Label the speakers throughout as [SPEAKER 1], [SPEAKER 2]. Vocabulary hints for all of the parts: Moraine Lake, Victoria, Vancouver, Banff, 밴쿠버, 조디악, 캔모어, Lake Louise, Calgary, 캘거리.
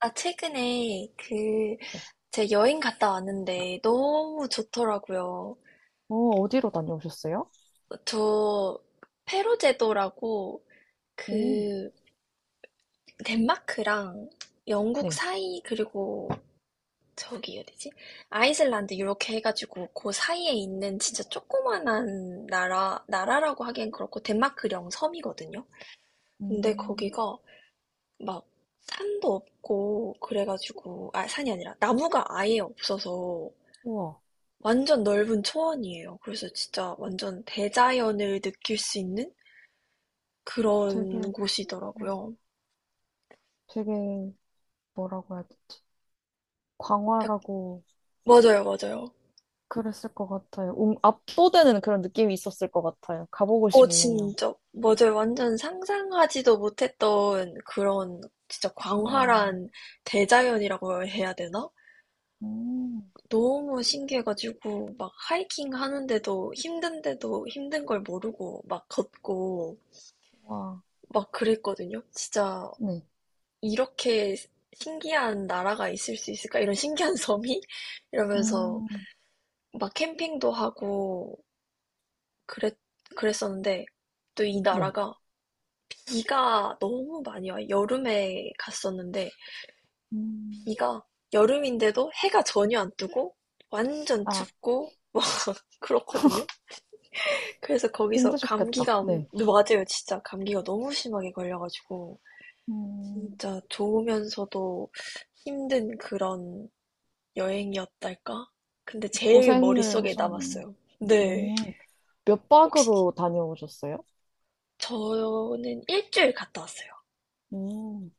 [SPEAKER 1] 아, 최근에 그,
[SPEAKER 2] 네.
[SPEAKER 1] 제 여행 갔다 왔는데 너무 좋더라고요.
[SPEAKER 2] 어, 어디로 다녀오셨어요?
[SPEAKER 1] 저, 페로 제도라고
[SPEAKER 2] 오,
[SPEAKER 1] 그, 덴마크랑 영국
[SPEAKER 2] 네.
[SPEAKER 1] 사이, 그리고 저기 어디지? 아이슬란드 이렇게 해가지고 그 사이에 있는 진짜 조그만한 나라, 나라라고 하기엔 그렇고 덴마크령 섬이거든요. 근데
[SPEAKER 2] 음,
[SPEAKER 1] 거기가 막 산도 없고 그래가지고, 아, 산이 아니라 나무가 아예 없어서
[SPEAKER 2] 우와,
[SPEAKER 1] 완전 넓은 초원이에요. 그래서 진짜 완전 대자연을 느낄 수 있는 그런
[SPEAKER 2] 되게, 와,
[SPEAKER 1] 곳이더라고요.
[SPEAKER 2] 되게, 뭐라고 해야 되지?
[SPEAKER 1] 약-
[SPEAKER 2] 광활하고
[SPEAKER 1] 맞아요, 맞아요.
[SPEAKER 2] 그랬을 것 같아요. 압도되는 그런 느낌이 있었을 것 같아요. 가보고
[SPEAKER 1] 어,
[SPEAKER 2] 싶네요.
[SPEAKER 1] 진짜. 맞아요. 완전 상상하지도 못했던 그런 진짜
[SPEAKER 2] 와.
[SPEAKER 1] 광활한 대자연이라고 해야 되나?
[SPEAKER 2] 음,
[SPEAKER 1] 너무 신기해가지고 막 하이킹 하는데도 힘든데도 힘든 걸 모르고 막 걷고
[SPEAKER 2] 와.
[SPEAKER 1] 막 그랬거든요. 진짜
[SPEAKER 2] 네,
[SPEAKER 1] 이렇게 신기한 나라가 있을 수 있을까? 이런 신기한 섬이? 이러면서
[SPEAKER 2] 음,
[SPEAKER 1] 막 캠핑도 하고 그랬, 그랬었는데 또 이
[SPEAKER 2] 네,
[SPEAKER 1] 나라가 비가 너무 많이 와요. 여름에 갔었는데
[SPEAKER 2] 음,
[SPEAKER 1] 비가 여름인데도 해가 전혀 안 뜨고 완전
[SPEAKER 2] 아,
[SPEAKER 1] 춥고 그렇거든요. 그래서 거기서
[SPEAKER 2] 힘드셨겠다.
[SPEAKER 1] 감기가
[SPEAKER 2] 네,
[SPEAKER 1] 맞아요. 진짜 감기가 너무 심하게 걸려가지고
[SPEAKER 2] 음,
[SPEAKER 1] 진짜 좋으면서도 힘든 그런 여행이었달까? 근데 제일
[SPEAKER 2] 고생을
[SPEAKER 1] 머릿속에
[SPEAKER 2] 하셨네요.
[SPEAKER 1] 남았어요. 네.
[SPEAKER 2] 음, 몇
[SPEAKER 1] 혹시
[SPEAKER 2] 박으로 다녀오셨어요?
[SPEAKER 1] 저는 일주일 갔다 왔어요.
[SPEAKER 2] 음,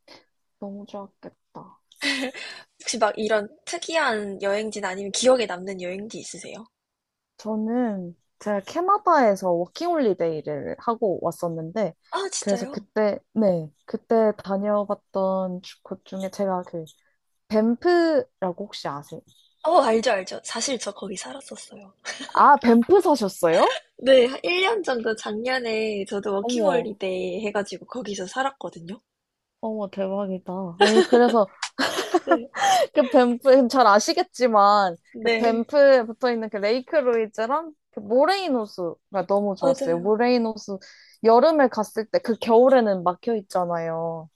[SPEAKER 2] 너무 좋았겠다.
[SPEAKER 1] 혹시 막 이런 특이한 여행지나 아니면 기억에 남는 여행지 있으세요?
[SPEAKER 2] 저는 제가 캐나다에서 워킹홀리데이를 하고 왔었는데,
[SPEAKER 1] 아,
[SPEAKER 2] 그래서
[SPEAKER 1] 진짜요?
[SPEAKER 2] 그때, 네, 그때 다녀봤던 곳 중에 제가 그, 밴프라고 혹시 아세요?
[SPEAKER 1] 어, 알죠, 알죠. 사실 저 거기 살았었어요.
[SPEAKER 2] 아, 밴프 사셨어요?
[SPEAKER 1] 네, 한 1년 정도 작년에 저도
[SPEAKER 2] 어머,
[SPEAKER 1] 워킹홀리데이 해가지고 거기서 살았거든요.
[SPEAKER 2] 어머, 대박이다. 아니, 그래서
[SPEAKER 1] 네,
[SPEAKER 2] 그 밴프, 잘 아시겠지만, 그
[SPEAKER 1] 네,
[SPEAKER 2] 밴프에 붙어 있는 그 레이크 루이즈랑 그 모레이노스가 너무 좋았어요.
[SPEAKER 1] 맞아요.
[SPEAKER 2] 모레이노스 여름에 갔을 때, 그 겨울에는 막혀 있잖아요.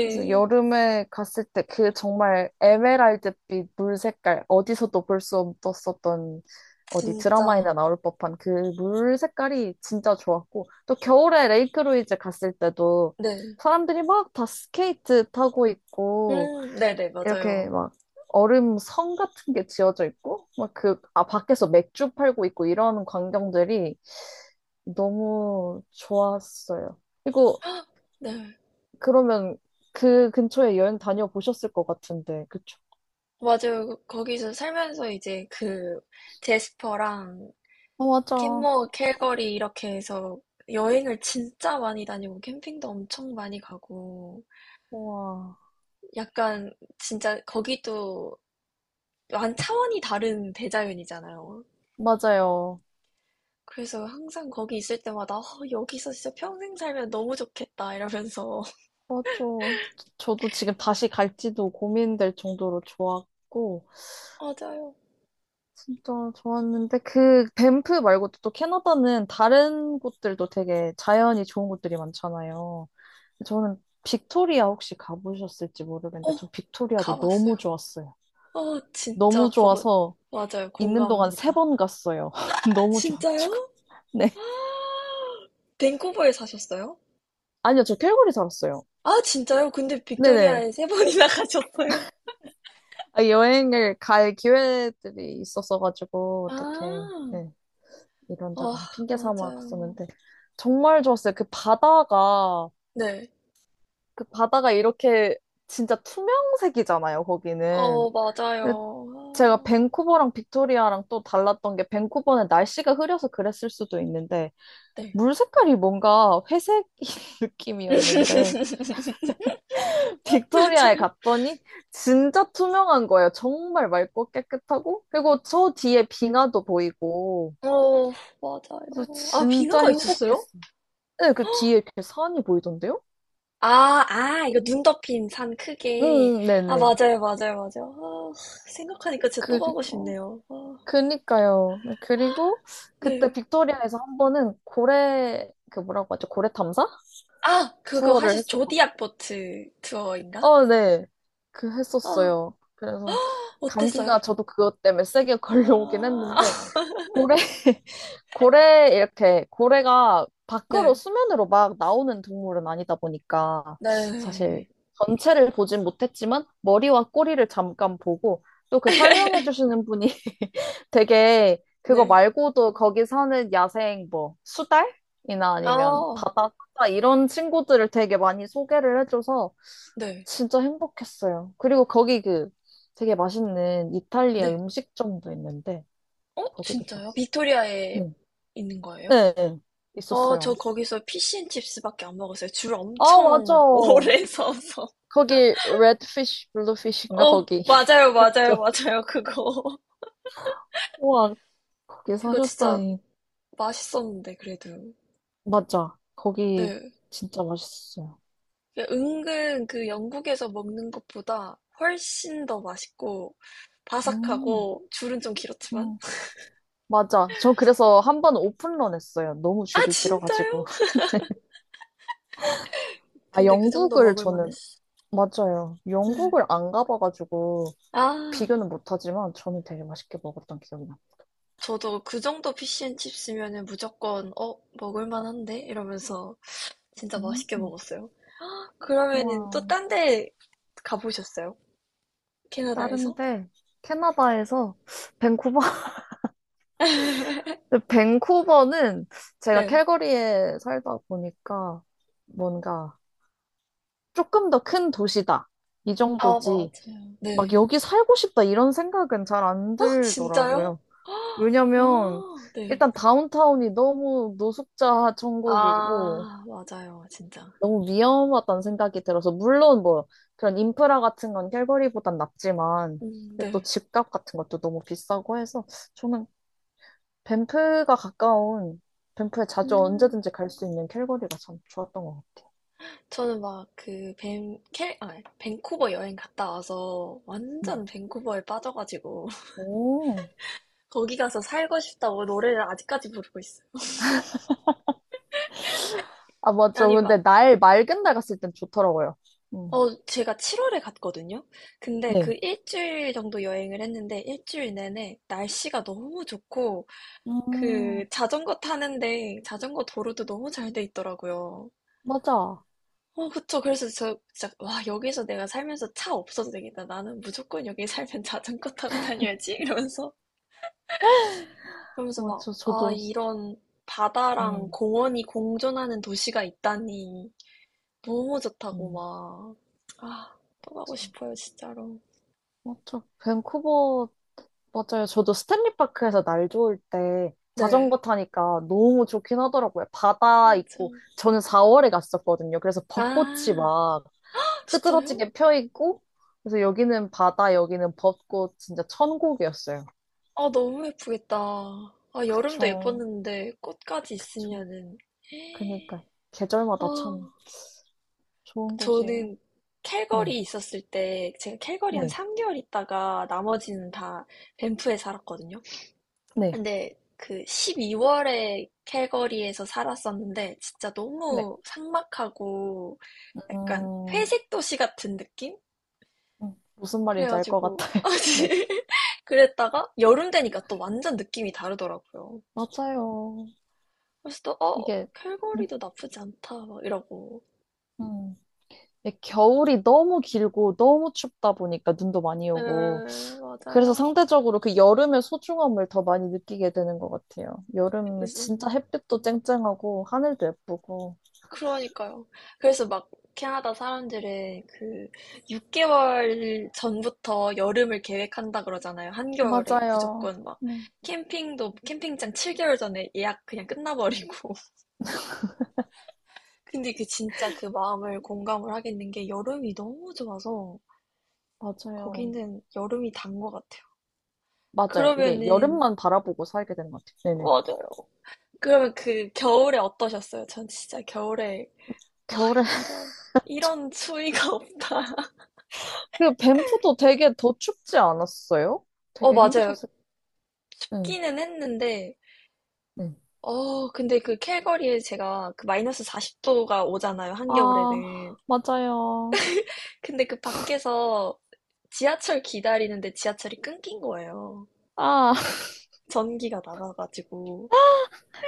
[SPEAKER 2] 그래서 여름에 갔을 때 그 정말 에메랄드빛 물 색깔, 어디서도 볼 수 없었던 어디
[SPEAKER 1] 진짜.
[SPEAKER 2] 드라마에나 나올 법한 그 물 색깔이 진짜 좋았고, 또 겨울에 레이크루이즈 갔을 때도
[SPEAKER 1] 네.
[SPEAKER 2] 사람들이 막 다 스케이트 타고 있고,
[SPEAKER 1] 네네,
[SPEAKER 2] 이렇게
[SPEAKER 1] 맞아요.
[SPEAKER 2] 막 얼음 성 같은 게 지어져 있고, 막 그, 아, 밖에서 맥주 팔고 있고 이런 광경들이 너무 좋았어요. 그리고
[SPEAKER 1] 헉, 네.
[SPEAKER 2] 그러면 그 근처에 여행 다녀보셨을 것 같은데, 그쵸?
[SPEAKER 1] 맞아요. 그, 거기서 살면서 이제 그 제스퍼랑
[SPEAKER 2] 어, 맞아.
[SPEAKER 1] 캔모어, 캘거리 이렇게 해서 여행을 진짜 많이 다니고 캠핑도 엄청 많이 가고
[SPEAKER 2] 와,
[SPEAKER 1] 약간 진짜 거기도 완 차원이 다른 대자연이잖아요.
[SPEAKER 2] 맞아요.
[SPEAKER 1] 그래서 항상 거기 있을 때마다 어, 여기서 진짜 평생 살면 너무 좋겠다 이러면서
[SPEAKER 2] 맞아. 저도 지금 다시 갈지도 고민될 정도로 좋았고,
[SPEAKER 1] 맞아요.
[SPEAKER 2] 진짜 좋았는데, 그 밴프 말고도 또 캐나다는 다른 곳들도 되게 자연이 좋은 곳들이 많잖아요. 저는 빅토리아 혹시 가보셨을지
[SPEAKER 1] 어,
[SPEAKER 2] 모르겠는데, 전 빅토리아도 너무
[SPEAKER 1] 가봤어요.
[SPEAKER 2] 좋았어요.
[SPEAKER 1] 어, 진짜
[SPEAKER 2] 너무
[SPEAKER 1] 거기
[SPEAKER 2] 좋아서
[SPEAKER 1] 맞아요.
[SPEAKER 2] 있는 동안 세
[SPEAKER 1] 공감합니다.
[SPEAKER 2] 번 갔어요. 너무
[SPEAKER 1] 진짜요?
[SPEAKER 2] 좋아가지고. 네.
[SPEAKER 1] 밴쿠버에 사셨어요?
[SPEAKER 2] 아니요, 저 캘거리 살았어요.
[SPEAKER 1] 아, 진짜요? 근데
[SPEAKER 2] 네네.
[SPEAKER 1] 빅토리아에 3번 번이나 가셨어요?
[SPEAKER 2] 아, 여행을 갈 기회들이 있었어가지고, 어떻게,
[SPEAKER 1] 아,
[SPEAKER 2] 네,
[SPEAKER 1] 아,
[SPEAKER 2] 이런저런 핑계 삼아
[SPEAKER 1] 맞아요.
[SPEAKER 2] 갔었는데, 정말 좋았어요. 그 바다가,
[SPEAKER 1] 네.
[SPEAKER 2] 그 바다가 이렇게 진짜 투명색이잖아요, 거기는.
[SPEAKER 1] 어,
[SPEAKER 2] 근데 제가
[SPEAKER 1] 맞아요.
[SPEAKER 2] 밴쿠버랑 빅토리아랑 또 달랐던 게, 밴쿠버는 날씨가 흐려서 그랬을 수도 있는데,
[SPEAKER 1] 아, 네.
[SPEAKER 2] 물 색깔이 뭔가 회색 느낌이었는데, 빅토리아에
[SPEAKER 1] 맞아요.
[SPEAKER 2] 갔더니 진짜 투명한 거예요. 정말 맑고 깨끗하고 그리고 저 뒤에 빙하도 보이고
[SPEAKER 1] 어, 맞아요.
[SPEAKER 2] 그래서
[SPEAKER 1] 아,
[SPEAKER 2] 진짜
[SPEAKER 1] 빙하가 있었어요?
[SPEAKER 2] 행복했어요. 네, 그 뒤에 이렇게 산이 보이던데요?
[SPEAKER 1] 아, 아, 이거 눈 덮인 산
[SPEAKER 2] 응,
[SPEAKER 1] 크게.
[SPEAKER 2] 응,
[SPEAKER 1] 아,
[SPEAKER 2] 네네.
[SPEAKER 1] 맞아요, 맞아요, 맞아요. 아, 생각하니까 진짜 또 가고
[SPEAKER 2] 그리고
[SPEAKER 1] 싶네요. 아,
[SPEAKER 2] 그니까요. 네, 그리고 그때
[SPEAKER 1] 네.
[SPEAKER 2] 빅토리아에서 한 번은 고래 그 뭐라고 하죠? 고래 탐사
[SPEAKER 1] 아, 그거
[SPEAKER 2] 투어를 했었고,
[SPEAKER 1] 조디악 보트 투어인가?
[SPEAKER 2] 어, 네, 그
[SPEAKER 1] 아,
[SPEAKER 2] 했었어요. 그래서
[SPEAKER 1] 어땠어요?
[SPEAKER 2] 감기가 저도 그것 때문에 세게 걸려오긴
[SPEAKER 1] 아.
[SPEAKER 2] 했는데 고래 고래, 이렇게, 고래가 밖으로
[SPEAKER 1] 네.
[SPEAKER 2] 수면으로 막 나오는 동물은 아니다 보니까, 사실
[SPEAKER 1] 네.
[SPEAKER 2] 전체를 보진 못했지만, 머리와 꼬리를 잠깐 보고, 또 그 설명해 주시는 분이 되게, 그거
[SPEAKER 1] 네.
[SPEAKER 2] 말고도 거기 사는 야생 뭐, 수달이나 아니면
[SPEAKER 1] 아.
[SPEAKER 2] 바다, 사자 이런 친구들을 되게 많이 소개를 해줘서,
[SPEAKER 1] 네.
[SPEAKER 2] 진짜 행복했어요. 그리고 거기 그 되게 맛있는 이탈리아
[SPEAKER 1] 네.
[SPEAKER 2] 음식점도 있는데,
[SPEAKER 1] 어?
[SPEAKER 2] 거기도
[SPEAKER 1] 진짜요?
[SPEAKER 2] 좋았어요.
[SPEAKER 1] 빅토리아에
[SPEAKER 2] 네.
[SPEAKER 1] 있는 거예요?
[SPEAKER 2] 네,
[SPEAKER 1] 어,
[SPEAKER 2] 있었어요.
[SPEAKER 1] 저 거기서 피시앤칩스밖에 안 먹었어요. 줄
[SPEAKER 2] 아, 맞아.
[SPEAKER 1] 엄청 오래 서서.
[SPEAKER 2] 거기 레드피쉬, 블루피쉬인가
[SPEAKER 1] 어,
[SPEAKER 2] 거기.
[SPEAKER 1] 맞아요, 맞아요,
[SPEAKER 2] 저-
[SPEAKER 1] 맞아요. 그거.
[SPEAKER 2] 우와, 거기
[SPEAKER 1] 그거 진짜
[SPEAKER 2] 사셨다니.
[SPEAKER 1] 맛있었는데, 그래도.
[SPEAKER 2] 맞아. 거기
[SPEAKER 1] 네.
[SPEAKER 2] 진짜 맛있었어요.
[SPEAKER 1] 그 은근 그 영국에서 먹는 것보다 훨씬 더 맛있고,
[SPEAKER 2] 음,
[SPEAKER 1] 바삭하고, 줄은 좀 길었지만.
[SPEAKER 2] 음. 맞아. 저 그래서 한 번 오픈런 했어요. 너무
[SPEAKER 1] 아,
[SPEAKER 2] 줄이 길어가지고.
[SPEAKER 1] 진짜요?
[SPEAKER 2] 아,
[SPEAKER 1] 근데 그 정도
[SPEAKER 2] 영국을
[SPEAKER 1] 먹을
[SPEAKER 2] 저는,
[SPEAKER 1] 만했어.
[SPEAKER 2] 맞아요.
[SPEAKER 1] 네.
[SPEAKER 2] 영국을 안 가봐가지고
[SPEAKER 1] 아,
[SPEAKER 2] 비교는 못하지만 저는 되게 맛있게 먹었던 기억이 나요.
[SPEAKER 1] 저도 그 정도 피시앤칩스면은 무조건 어, 먹을 만한데? 이러면서 진짜 맛있게
[SPEAKER 2] 음,
[SPEAKER 1] 먹었어요. 그러면은 또
[SPEAKER 2] 와,
[SPEAKER 1] 딴데 가보셨어요? 캐나다에서?
[SPEAKER 2] 다른데 캐나다에서 밴쿠버 근데 밴쿠버는 제가
[SPEAKER 1] 네,
[SPEAKER 2] 캘거리에 살다 보니까 뭔가 조금 더 큰 도시다. 이
[SPEAKER 1] 아,
[SPEAKER 2] 정도지.
[SPEAKER 1] 맞아요.
[SPEAKER 2] 막
[SPEAKER 1] 네.
[SPEAKER 2] 여기 살고 싶다 이런 생각은 잘 안
[SPEAKER 1] 어, 진짜요?
[SPEAKER 2] 들더라고요. 왜냐면
[SPEAKER 1] 아, 네.
[SPEAKER 2] 일단 다운타운이 너무 노숙자 천국이고
[SPEAKER 1] 아, 맞아요, 진짜.
[SPEAKER 2] 너무 위험하다는 생각이 들어서 물론 뭐 그런 인프라 같은 건 캘거리보단 낫지만 근데 또
[SPEAKER 1] 네.
[SPEAKER 2] 집값 같은 것도 너무 비싸고 해서 저는 밴프가 가까운, 밴프에 자주
[SPEAKER 1] 음,
[SPEAKER 2] 언제든지 갈 수 있는 캘거리가 참 좋았던 것 같아요.
[SPEAKER 1] 저는 막 그 밴쿠버 여행 갔다 와서
[SPEAKER 2] 네.
[SPEAKER 1] 완전 밴쿠버에 빠져가지고
[SPEAKER 2] 오.
[SPEAKER 1] 거기 가서 살고 싶다고 노래를 아직까지 부르고 있어요.
[SPEAKER 2] 아, 맞죠.
[SPEAKER 1] 아니 막,
[SPEAKER 2] 근데 날, 맑은 날 갔을 땐 좋더라고요. 음.
[SPEAKER 1] 어, 제가 7월에 갔거든요? 근데 그
[SPEAKER 2] 네.
[SPEAKER 1] 일주일 정도 여행을 했는데 일주일 내내 날씨가 너무 좋고
[SPEAKER 2] 음,
[SPEAKER 1] 그 자전거 타는데 자전거 도로도 너무 잘 돼 있더라고요.
[SPEAKER 2] 맞아.
[SPEAKER 1] 어, 그쵸. 그래서 저 진짜, 와, 여기서 내가 살면서 차 없어도 되겠다. 나는 무조건 여기 살면 자전거 타고 다녀야지. 이러면서. 그러면서 막,
[SPEAKER 2] 맞죠.
[SPEAKER 1] 아,
[SPEAKER 2] 저도,
[SPEAKER 1] 이런 바다랑
[SPEAKER 2] 음,
[SPEAKER 1] 공원이 공존하는 도시가 있다니. 너무 좋다고
[SPEAKER 2] 음.
[SPEAKER 1] 막. 아, 또 가고
[SPEAKER 2] 참,
[SPEAKER 1] 싶어요, 진짜로.
[SPEAKER 2] 맞죠. 밴쿠버, 맞아요. 저도 스탠리 파크에서 날 좋을 때 자전거
[SPEAKER 1] 네.
[SPEAKER 2] 타니까 너무 좋긴 하더라고요. 바다
[SPEAKER 1] 아,
[SPEAKER 2] 있고,
[SPEAKER 1] 참.
[SPEAKER 2] 저는 4월에 갔었거든요. 그래서 벚꽃이
[SPEAKER 1] 아,
[SPEAKER 2] 막,
[SPEAKER 1] 진짜요?
[SPEAKER 2] 흐드러지게 펴 있고 그래서 여기는 바다, 여기는 벚꽃 진짜 천국이었어요.
[SPEAKER 1] 아, 너무 예쁘겠다. 아, 여름도
[SPEAKER 2] 그쵸.
[SPEAKER 1] 예뻤는데 꽃까지
[SPEAKER 2] 그쵸.
[SPEAKER 1] 있으면은.
[SPEAKER 2] 그니까
[SPEAKER 1] 아,
[SPEAKER 2] 계절마다 참 좋은 곳이에요.
[SPEAKER 1] 저는
[SPEAKER 2] 네,
[SPEAKER 1] 캘거리 있었을 때, 제가 캘거리 한
[SPEAKER 2] 네,
[SPEAKER 1] 3개월 있다가 나머지는 다 밴프에 살았거든요.
[SPEAKER 2] 네,
[SPEAKER 1] 근데 그 12월에 캘거리에서 살았었는데, 진짜
[SPEAKER 2] 네.
[SPEAKER 1] 너무 삭막하고, 약간
[SPEAKER 2] 음,
[SPEAKER 1] 회색 도시 같은 느낌?
[SPEAKER 2] 무슨 말인지 알 것
[SPEAKER 1] 그래가지고
[SPEAKER 2] 같아요. 네,
[SPEAKER 1] 그랬다가 여름 되니까 또 완전 느낌이 다르더라고요.
[SPEAKER 2] 맞아요.
[SPEAKER 1] 그래서 또 어,
[SPEAKER 2] 이게 음,
[SPEAKER 1] 캘거리도 나쁘지 않다 막 이러고.
[SPEAKER 2] 음. 이게 겨울이 너무 길고 너무 춥다 보니까 눈도 많이
[SPEAKER 1] 네,
[SPEAKER 2] 오고 그래서
[SPEAKER 1] 맞아요.
[SPEAKER 2] 상대적으로 그 여름의 소중함을 더 많이 느끼게 되는 것 같아요. 여름에 진짜 햇빛도 쨍쨍하고 하늘도 예쁘고.
[SPEAKER 1] 그러니까요. 그래서 막 캐나다 사람들은 그 6개월 전부터 여름을 계획한다 그러잖아요. 한겨울에
[SPEAKER 2] 맞아요.
[SPEAKER 1] 무조건 막
[SPEAKER 2] 음,
[SPEAKER 1] 캠핑도 캠핑장 7개월 전에 예약 그냥 끝나버리고 근데 그 진짜 그 마음을 공감을 하겠는 게 여름이 너무 좋아서
[SPEAKER 2] 맞아요.
[SPEAKER 1] 거기는 여름이 단 것 같아요.
[SPEAKER 2] 맞아요. 이게
[SPEAKER 1] 그러면은
[SPEAKER 2] 여름만 바라보고 살게 되는 것 같아요. 네네.
[SPEAKER 1] 맞아요. 그러면 그 겨울에 어떠셨어요? 전 진짜 겨울에 와,
[SPEAKER 2] 겨울에
[SPEAKER 1] 이런 이런 추위가 없다.
[SPEAKER 2] 그 밴프도 되게 더 춥지 않았어요?
[SPEAKER 1] 어,
[SPEAKER 2] 되게
[SPEAKER 1] 맞아요.
[SPEAKER 2] 힘드셨을. 응.
[SPEAKER 1] 춥기는 했는데
[SPEAKER 2] 응.
[SPEAKER 1] 어, 근데 그 캘거리에 제가 그 마이너스 40도가 오잖아요
[SPEAKER 2] 아,
[SPEAKER 1] 한겨울에는.
[SPEAKER 2] 맞아요.
[SPEAKER 1] 근데 그 밖에서 지하철 기다리는데 지하철이 끊긴 거예요.
[SPEAKER 2] 아,
[SPEAKER 1] 전기가 나가가지고.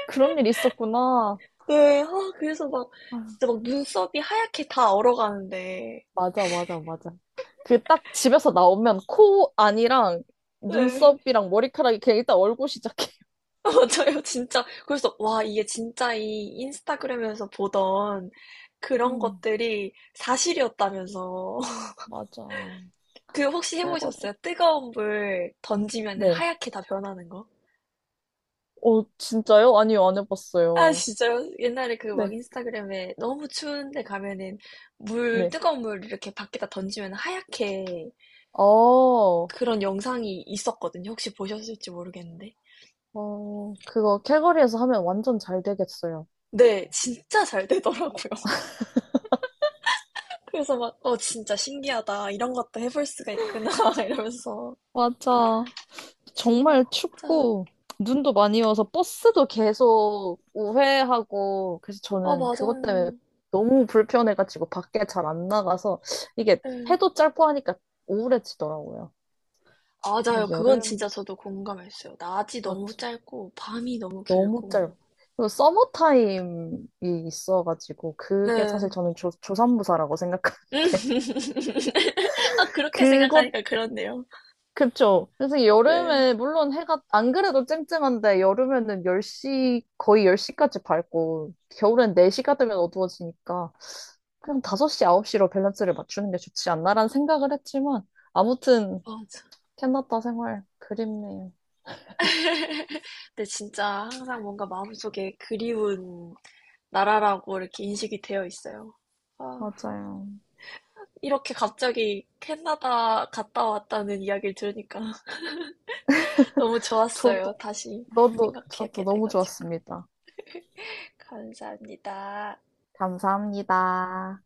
[SPEAKER 2] 그런 일 있었구나.
[SPEAKER 1] 네. 아, 그래서 막
[SPEAKER 2] 아,
[SPEAKER 1] 진짜 막 눈썹이 하얗게 다 얼어가는데
[SPEAKER 2] 맞아, 맞아, 맞아. 그 딱 집에서 나오면 코 안이랑
[SPEAKER 1] 네.
[SPEAKER 2] 눈썹이랑 머리카락이 그냥 일단 얼굴 시작해.
[SPEAKER 1] 맞아요. 진짜 그래서 와, 이게 진짜 이 인스타그램에서 보던 그런
[SPEAKER 2] 음,
[SPEAKER 1] 것들이 사실이었다면서.
[SPEAKER 2] 맞아.
[SPEAKER 1] 그 혹시 해 보셨어요?
[SPEAKER 2] 캘거리.
[SPEAKER 1] 뜨거운 물 던지면은
[SPEAKER 2] 네.
[SPEAKER 1] 하얗게 다 변하는 거?
[SPEAKER 2] 어, 진짜요? 아니요, 안
[SPEAKER 1] 아,
[SPEAKER 2] 해봤어요.
[SPEAKER 1] 진짜요? 옛날에 그 막
[SPEAKER 2] 네,
[SPEAKER 1] 인스타그램에 너무 추운데 가면은 물
[SPEAKER 2] 네.
[SPEAKER 1] 뜨거운 물 이렇게 밖에다 던지면 하얗게,
[SPEAKER 2] 어,
[SPEAKER 1] 그런 영상이 있었거든요. 혹시 보셨을지 모르겠는데.
[SPEAKER 2] 어, 그거 캘거리에서 하면 완전 잘 되겠어요.
[SPEAKER 1] 네. 진짜 잘 되더라고요. 그래서 막 '어, 진짜 신기하다. 이런 것도 해볼 수가 있구나.' 이러면서
[SPEAKER 2] 맞아. 정말
[SPEAKER 1] 진짜.
[SPEAKER 2] 춥고 눈도 많이 와서 버스도 계속 우회하고 그래서
[SPEAKER 1] 아,
[SPEAKER 2] 저는 그것 때문에
[SPEAKER 1] 맞아요.
[SPEAKER 2] 너무 불편해가지고 밖에 잘 안 나가서 이게
[SPEAKER 1] 예.
[SPEAKER 2] 해도 짧고 하니까 우울해지더라고요.
[SPEAKER 1] 맞아요.
[SPEAKER 2] 이게
[SPEAKER 1] 그건 진짜
[SPEAKER 2] 여름
[SPEAKER 1] 저도 공감했어요. 낮이 너무
[SPEAKER 2] 맞죠?
[SPEAKER 1] 짧고 밤이 너무
[SPEAKER 2] 너무
[SPEAKER 1] 길고.
[SPEAKER 2] 짧아. 그리고 서머 타임이 있어가지고 그게 사실
[SPEAKER 1] 네.
[SPEAKER 2] 저는 조, 조산무사라고 생각하는데
[SPEAKER 1] 아, 그렇게
[SPEAKER 2] 그것
[SPEAKER 1] 생각하니까 그렇네요.
[SPEAKER 2] 그쵸. 그래서
[SPEAKER 1] 네.
[SPEAKER 2] 여름에, 물론 해가, 안 그래도 쨍쨍한데, 여름에는 10시, 거의 10시까지 밝고, 겨울엔 4시가 되면 어두워지니까, 그냥 5시, 9시로 밸런스를 맞추는 게 좋지 않나라는 생각을 했지만, 아무튼,
[SPEAKER 1] 맞아.
[SPEAKER 2] 캐나다 생활 그립네요.
[SPEAKER 1] 근데 진짜 항상 뭔가 마음속에 그리운 나라라고 이렇게 인식이 되어 있어요. 아,
[SPEAKER 2] 맞아요.
[SPEAKER 1] 이렇게 갑자기 캐나다 갔다 왔다는 이야기를 들으니까 너무
[SPEAKER 2] 저도,
[SPEAKER 1] 좋았어요. 다시
[SPEAKER 2] 너도, 저도
[SPEAKER 1] 생각하게
[SPEAKER 2] 너무
[SPEAKER 1] 돼가지고.
[SPEAKER 2] 좋았습니다.
[SPEAKER 1] 감사합니다.
[SPEAKER 2] 감사합니다.